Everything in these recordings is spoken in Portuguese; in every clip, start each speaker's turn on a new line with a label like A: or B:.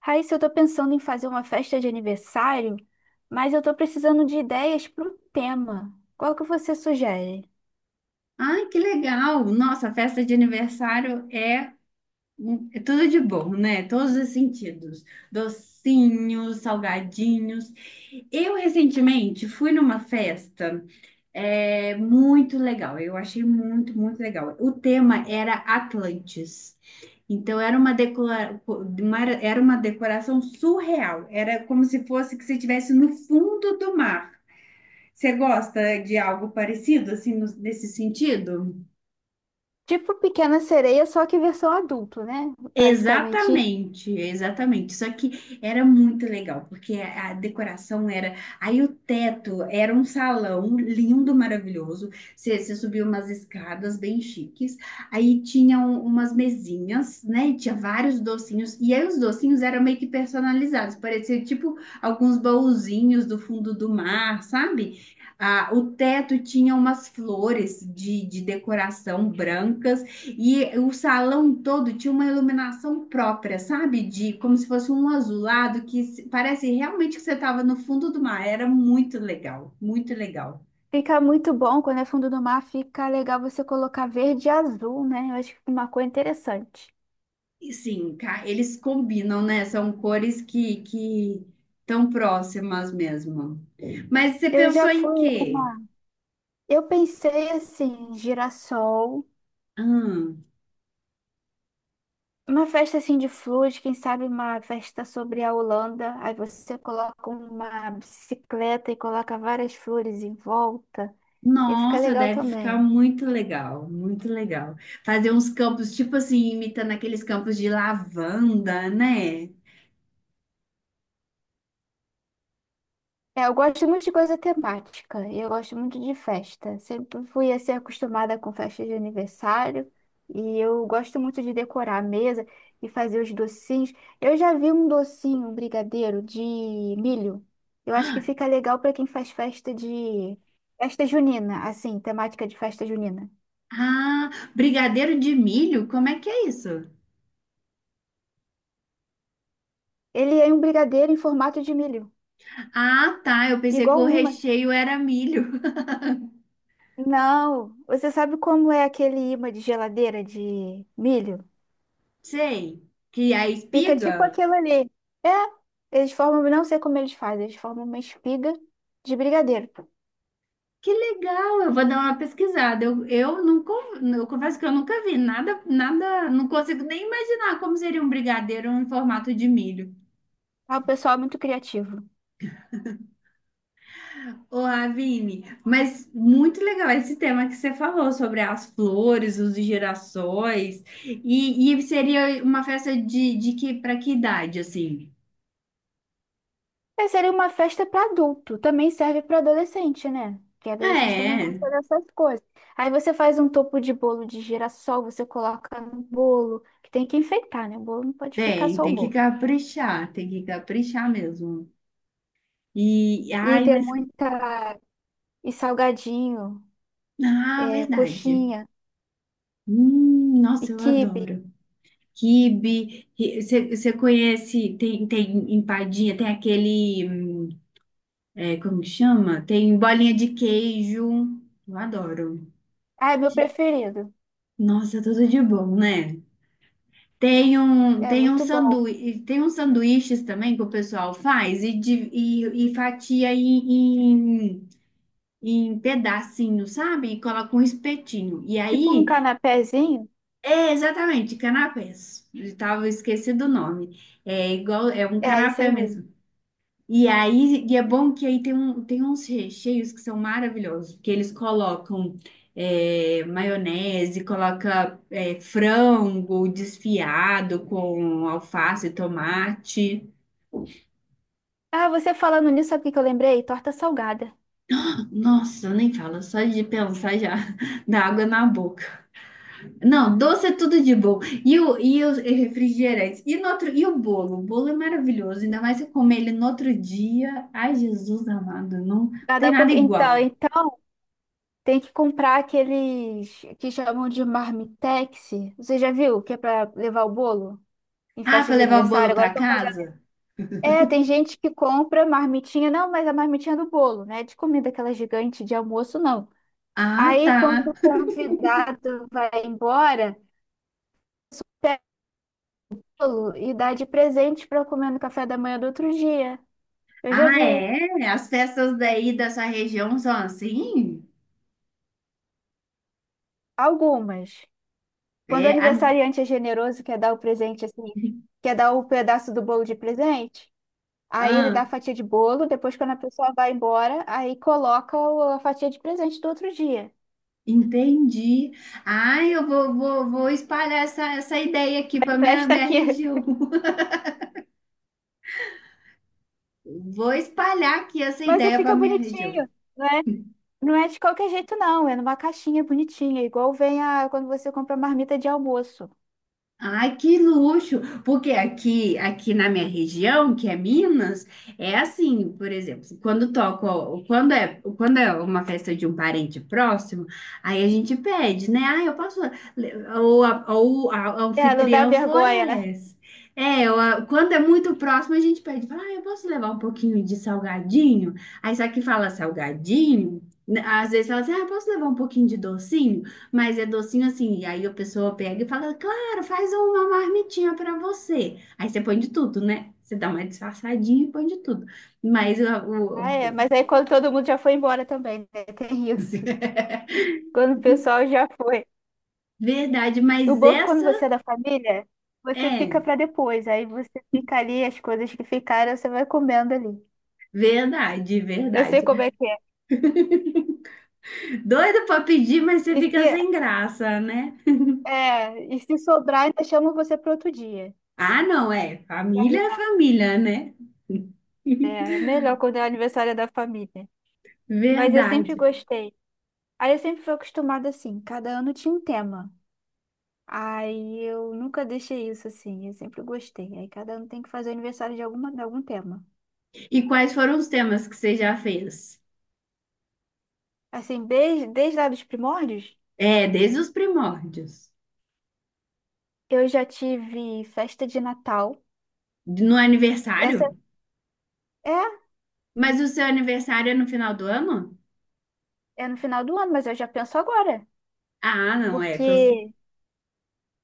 A: Raíssa, eu tô pensando em fazer uma festa de aniversário, mas eu tô precisando de ideias para o tema. Qual que você sugere?
B: Ai, que legal! Nossa, a festa de aniversário é tudo de bom, né? Todos os sentidos. Docinhos, salgadinhos. Eu recentemente fui numa festa muito legal. Eu achei muito legal. O tema era Atlantis. Então era uma era uma decoração surreal. Era como se fosse que você estivesse no fundo do mar. Você gosta de algo parecido assim nesse sentido?
A: Tipo Pequena Sereia, só que versão adulto, né? Basicamente,
B: Exatamente, exatamente. Só que era muito legal, porque a decoração era. Aí o teto era um salão lindo, maravilhoso. Você subia umas escadas bem chiques. Aí tinham umas mesinhas, né? E tinha vários docinhos. E aí os docinhos eram meio que personalizados. Parecia tipo alguns baúzinhos do fundo do mar, sabe? Ah, o teto tinha umas flores de decoração brancas. E o salão todo tinha uma iluminação própria, sabe? De como se fosse um azulado que se- parece realmente que você estava no fundo do mar. Era muito legal, muito legal.
A: fica muito bom quando é fundo do mar, fica legal você colocar verde e azul, né? Eu acho que fica uma cor interessante.
B: E sim, eles combinam, né? São cores que tão próximas mesmo. Mas você
A: Eu
B: pensou
A: já
B: em
A: fui a
B: quê?
A: uma. Eu pensei assim, girassol.
B: Hum,
A: Uma festa assim de flores, quem sabe uma festa sobre a Holanda. Aí você coloca uma bicicleta e coloca várias flores em volta. Ia ficar
B: nossa,
A: legal
B: deve ficar
A: também.
B: muito legal, muito legal. Fazer uns campos, tipo assim, imitando aqueles campos de lavanda, né?
A: É, eu gosto muito de coisa temática, e eu gosto muito de festa. Sempre fui assim acostumada com festas de aniversário, e eu gosto muito de decorar a mesa e fazer os docinhos. Eu já vi um docinho, um brigadeiro de milho. Eu acho que fica legal para quem faz festa de festa junina, assim, temática de festa junina.
B: Ah, brigadeiro de milho? Como é que é isso?
A: Ele é um brigadeiro em formato de milho,
B: Ah, tá. Eu pensei que
A: igual
B: o
A: o imã.
B: recheio era milho.
A: Não, você sabe como é aquele imã de geladeira de milho?
B: Sei. Que é a
A: Fica tipo
B: espiga?
A: aquilo ali. É, eles formam, não sei como eles fazem, eles formam uma espiga de brigadeiro.
B: Que legal. Eu vou dar uma pesquisada. Eu confesso que eu nunca vi nada, nada. Não consigo nem imaginar como seria um brigadeiro em formato de milho.
A: Ah, o pessoal é muito criativo.
B: Ô, Ravine, mas muito legal esse tema que você falou sobre as flores, os girassóis. E seria uma festa de que para que idade assim?
A: É, seria uma festa para adulto, também serve para adolescente, né? Porque adolescente também
B: É.
A: gosta dessas coisas. Aí você faz um topo de bolo de girassol, você coloca no bolo, que tem que enfeitar, né? O bolo não pode ficar
B: Tem,
A: só o bolo.
B: tem que caprichar mesmo. E,
A: E
B: ai,
A: tem
B: mas,
A: muita. E salgadinho,
B: ah,
A: é,
B: verdade.
A: coxinha, e
B: Nossa, eu
A: quibe.
B: adoro. Quibe, você conhece, tem empadinha, tem aquele, como que chama? Tem bolinha de queijo, eu adoro.
A: Ah, é meu preferido.
B: Nossa, tudo de bom, né?
A: É
B: Tem um
A: muito bom.
B: sanduíche, tem uns sanduíches também que o pessoal faz e, de- e fatia em pedacinho, sabe? E coloca um espetinho. E
A: Tipo um
B: aí,
A: canapézinho.
B: é exatamente, canapés. Eu tava esquecido o nome. É igual, é um
A: É, isso aí
B: canapé
A: mesmo.
B: mesmo. E aí, e é bom que aí tem uns recheios que são maravilhosos, porque eles colocam maionese, coloca frango desfiado com alface, tomate.
A: Ah, você falando nisso, sabe o que que eu lembrei? Torta salgada.
B: Nossa, eu nem falo, só de pensar já dá água na boca. Não, doce é tudo de bom. E os refrigerantes. E, no outro, e o bolo? O bolo é maravilhoso. Ainda mais se eu comer ele no outro dia. Ai, Jesus amado, não tem
A: Cada
B: nada
A: pouco... Então,
B: igual.
A: então, tem que comprar aqueles que chamam de marmitex. Você já viu? Que é pra levar o bolo em
B: Ah,
A: festa
B: para
A: de
B: levar o
A: aniversário?
B: bolo
A: Agora
B: para
A: eu tô fazendo.
B: casa?
A: É, tem gente que compra marmitinha. Não, mas a marmitinha do bolo, né? De comida aquela gigante de almoço, não.
B: Ah,
A: Aí,
B: tá.
A: quando o convidado vai embora, pega o bolo e dá de presente pra comer no café da manhã do outro dia. Eu já
B: Ah,
A: vi
B: é? As festas daí dessa região são assim?
A: algumas. Quando o
B: É, a-
A: aniversariante é generoso, quer dar o presente assim, quer dar o pedaço do bolo de presente, aí ele dá
B: ah,
A: a fatia de bolo, depois quando a pessoa vai embora, aí coloca o- a fatia de presente do outro dia.
B: entendi. Ai, eu vou espalhar essa ideia aqui para
A: Festa
B: minha
A: aqui.
B: região. Vou espalhar aqui essa
A: Mas aí
B: ideia para
A: fica
B: minha região.
A: bonitinho, não é? Não é de qualquer jeito, não. É numa caixinha bonitinha, igual vem a, quando você compra marmita de almoço.
B: Ai, que luxo! Porque aqui na minha região, que é Minas, é assim, por exemplo, quando toco, quando é uma festa de um parente próximo, aí a gente pede, né? Ah, eu posso, a
A: É, não dá
B: anfitriã
A: vergonha, né?
B: floresce. É, quando é muito próximo, a gente pede, fala, ah, eu posso levar um pouquinho de salgadinho? Aí só que fala salgadinho, né, às vezes fala assim, ah, eu posso levar um pouquinho de docinho? Mas é docinho assim, e aí a pessoa pega e fala, cara, faz uma marmitinha pra você. Aí você põe de tudo, né? Você dá uma disfarçadinha e põe de tudo. Mas a- o,
A: Ah, é,
B: o-
A: mas aí quando todo mundo já foi embora também, né? Tem isso. Quando o pessoal já foi.
B: verdade,
A: O
B: mas
A: banco, quando
B: essa
A: você é da família, você fica
B: é
A: pra depois. Aí você fica ali, as coisas que ficaram, você vai comendo ali.
B: Verdade,
A: Eu sei como
B: verdade.
A: é que é.
B: Doido pra pedir, mas você
A: E
B: fica
A: se,
B: sem graça, né?
A: é, e se sobrar, ainda chamam você para outro dia.
B: Ah, não, é.
A: E aí,
B: Família é família, né?
A: é melhor quando é aniversário da família. Mas eu sempre
B: Verdade.
A: gostei. Aí eu sempre fui acostumada assim, cada ano tinha um tema. Aí eu nunca deixei isso assim, eu sempre gostei. Aí cada ano tem que fazer aniversário de alguma, de algum tema.
B: E quais foram os temas que você já fez?
A: Assim, desde lá dos primórdios,
B: É, desde os primórdios.
A: eu já tive festa de Natal.
B: No
A: Essa
B: aniversário?
A: é,
B: Mas o seu aniversário é no final do ano?
A: é no final do ano, mas eu já penso agora,
B: Ah, não, é.
A: porque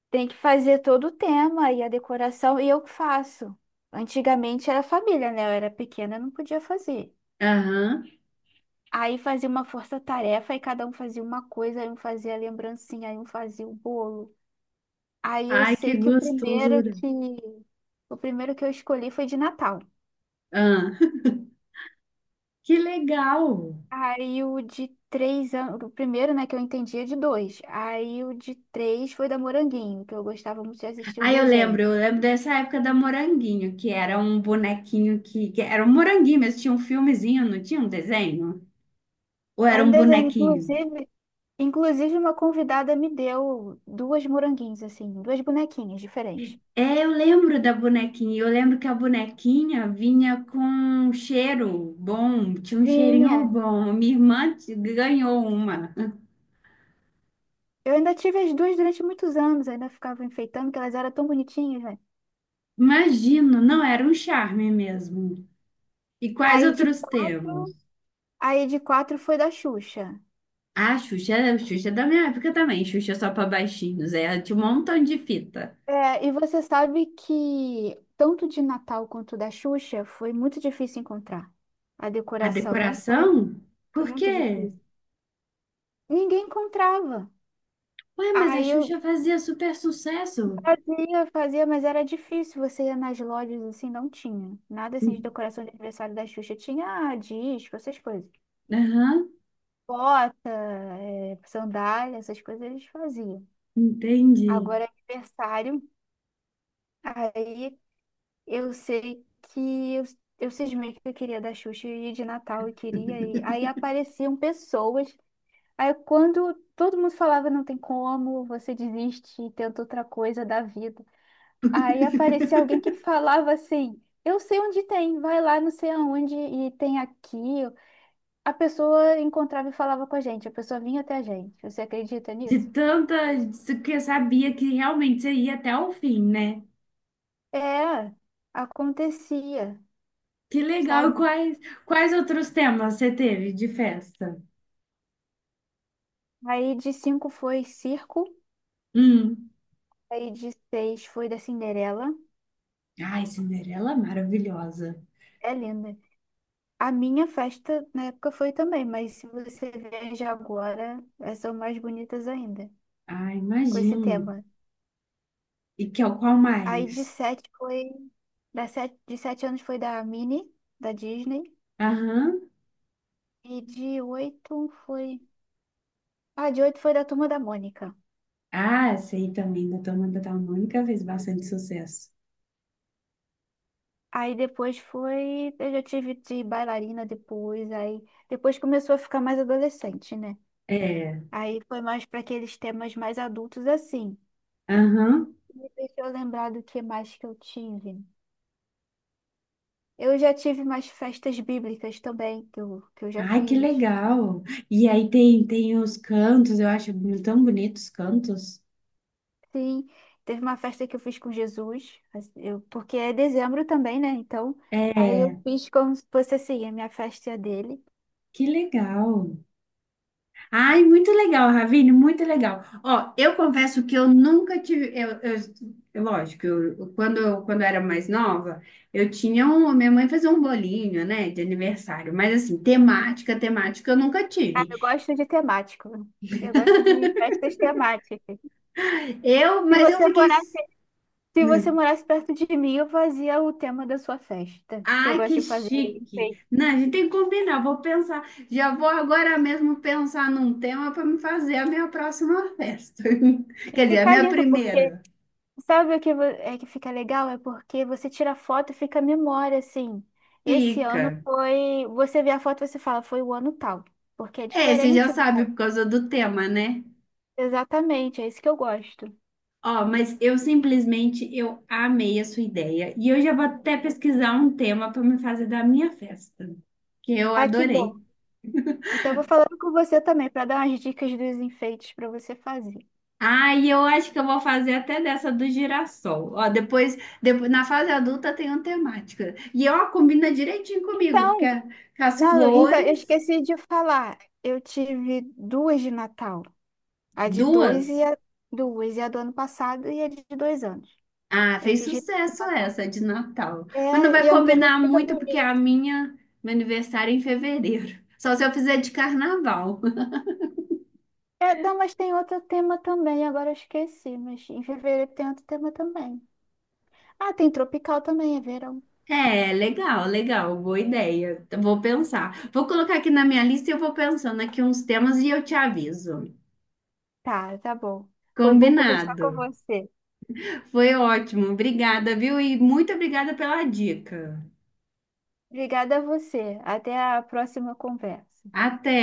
A: tem que fazer todo o tema e a decoração, e eu que faço. Antigamente era família, né? Eu era pequena, eu não podia fazer.
B: Aham.
A: Aí fazia uma força-tarefa e cada um fazia uma coisa, aí um fazia a lembrancinha, aí um fazia o bolo. Aí eu
B: Ai, que
A: sei que o primeiro
B: gostosura.
A: que o primeiro que eu escolhi foi de Natal.
B: Ah, que legal.
A: Aí o de 3 anos, o primeiro, né, que eu entendia de dois. Aí o de três foi da Moranguinho, que eu gostava muito de assistir o
B: Aí
A: desenho.
B: eu lembro dessa época da Moranguinho, que era um bonequinho que era um moranguinho, mas tinha um filmezinho, não tinha um desenho? Ou
A: É
B: era
A: um
B: um
A: desenho,
B: bonequinho?
A: inclusive uma convidada me deu duas moranguinhos, assim, duas bonequinhas diferentes.
B: É, eu lembro da bonequinha. Eu lembro que a bonequinha vinha com um cheiro bom, tinha um
A: Vinha.
B: cheirinho bom. Minha ganhou uma.
A: Eu ainda tive as duas durante muitos anos, ainda ficava enfeitando, que elas eram tão bonitinhas, né?
B: Imagino, não era um charme mesmo. E quais
A: Aí de
B: outros temas?
A: quatro, aí de quatro foi da Xuxa.
B: A Xuxa é da minha época também, Xuxa só para baixinhos, é, ela tinha um montão de fita.
A: É, e você sabe que tanto de Natal quanto da Xuxa foi muito difícil encontrar. A
B: A
A: decoração não foi,
B: decoração?
A: foi
B: Por
A: muito
B: quê?
A: difícil. Ninguém encontrava.
B: Ué, mas a
A: Aí eu,
B: Xuxa fazia super sucesso.
A: Fazia, fazia, mas era difícil. Você ia nas lojas assim, não tinha. Nada assim de decoração de aniversário da Xuxa. Tinha ah, disco, essas coisas.
B: Aham,
A: Bota, sandália, essas coisas eles faziam.
B: entendi.
A: Agora é aniversário, aí eu sei que eu cismei que eu queria da Xuxa e de Natal eu queria ir. Aí apareciam pessoas. Aí quando todo mundo falava não tem como, você desiste e tenta outra coisa da vida. Aí aparecia alguém que falava assim: eu sei onde tem, vai lá, não sei aonde, e tem aqui. A pessoa encontrava e falava com a gente, a pessoa vinha até a gente. Você acredita
B: De
A: nisso?
B: tanta de que eu sabia que realmente você ia até o fim, né?
A: É, acontecia,
B: Que legal.
A: sabe?
B: Quais outros temas você teve de festa?
A: Aí de cinco foi circo,
B: Hum.
A: aí de seis foi da Cinderela.
B: Ai, Cinderela é maravilhosa.
A: É linda. A minha festa na época foi também, mas se você veja agora, elas são mais bonitas ainda,
B: Ai,
A: com esse
B: imagino.
A: tema.
B: E que é o qual
A: Aí
B: mais?
A: de sete foi. De 7 anos foi da Minnie, da Disney.
B: Aham.
A: E de oito foi. Ah, de oito foi da Turma da Mônica.
B: Ah, sei também da Turma da Mônica fez bastante sucesso.
A: Aí depois foi. Eu já tive de bailarina depois. Aí depois começou a ficar mais adolescente, né?
B: É.
A: Aí foi mais para aqueles temas mais adultos assim.
B: Aham.
A: E deixa eu lembrar do que mais que eu tive. Eu já tive mais festas bíblicas também, que eu já
B: Ai, que
A: fiz.
B: legal. E aí tem os cantos, eu acho tão bonitos os cantos.
A: Sim, teve uma festa que eu fiz com Jesus, assim, eu, porque é dezembro também, né? Então, aí eu
B: É,
A: fiz como se fosse assim, a minha festa e a dele.
B: que legal. Ai, muito legal, Ravine, muito legal. Ó, eu confesso que eu nunca tive, eu- lógico, quando eu era mais nova, eu tinha um, minha mãe fazia um bolinho, né, de aniversário, mas assim, temática eu nunca
A: Ah,
B: tive.
A: eu gosto de temático. Eu gosto de festas temáticas.
B: Eu,
A: Se
B: mas eu
A: você
B: fiquei
A: morasse, se você morasse perto de mim, eu fazia o tema da sua festa. Que Eu
B: Ai,
A: gosto
B: que
A: de fazer
B: chique!
A: enfeite.
B: Não, a gente tem que combinar. Vou pensar, já vou agora mesmo pensar num tema para me fazer a minha próxima festa.
A: E
B: Quer dizer, a
A: fica
B: minha
A: lindo, porque
B: primeira.
A: sabe o que é que fica legal? É porque você tira foto e fica a memória, assim. Esse ano
B: Fica.
A: foi. Você vê a foto e você fala, foi o ano tal. Porque é
B: É, você já
A: diferente.
B: sabe por causa do tema, né?
A: Exatamente, é isso que eu gosto.
B: Ó, mas eu simplesmente eu amei a sua ideia e eu já vou até pesquisar um tema para me fazer da minha festa, que eu
A: Ah, que bom.
B: adorei.
A: Então, eu vou falando com você também, para dar umas dicas dos enfeites para você fazer.
B: Ah, e eu acho que eu vou fazer até dessa do girassol. Ó, depois na fase adulta tem uma temática. E ó, combina direitinho comigo,
A: Então,
B: com as
A: não, então, eu
B: flores,
A: esqueci de falar. Eu tive duas de Natal. A de dois
B: duas.
A: e a duas, e a do ano passado e a de 2 anos.
B: Ah,
A: Eu
B: fez
A: quis repetir o
B: sucesso
A: Natal.
B: essa de Natal. Mas não
A: É,
B: vai
A: e é um tema que
B: combinar
A: fica
B: muito, porque é a
A: bonito.
B: meu aniversário é em fevereiro. Só se eu fizer de carnaval.
A: É, não, mas tem outro tema também, agora eu esqueci, mas em fevereiro tem outro tema também. Ah, tem tropical também, é verão.
B: É, legal, legal, boa ideia. Então, vou pensar. Vou colocar aqui na minha lista e eu vou pensando aqui uns temas e eu te aviso.
A: Tá, tá bom. Foi bom conversar
B: Combinado.
A: com você.
B: Foi ótimo. Obrigada, viu? E muito obrigada pela dica.
A: Obrigada a você. Até a próxima conversa.
B: Até.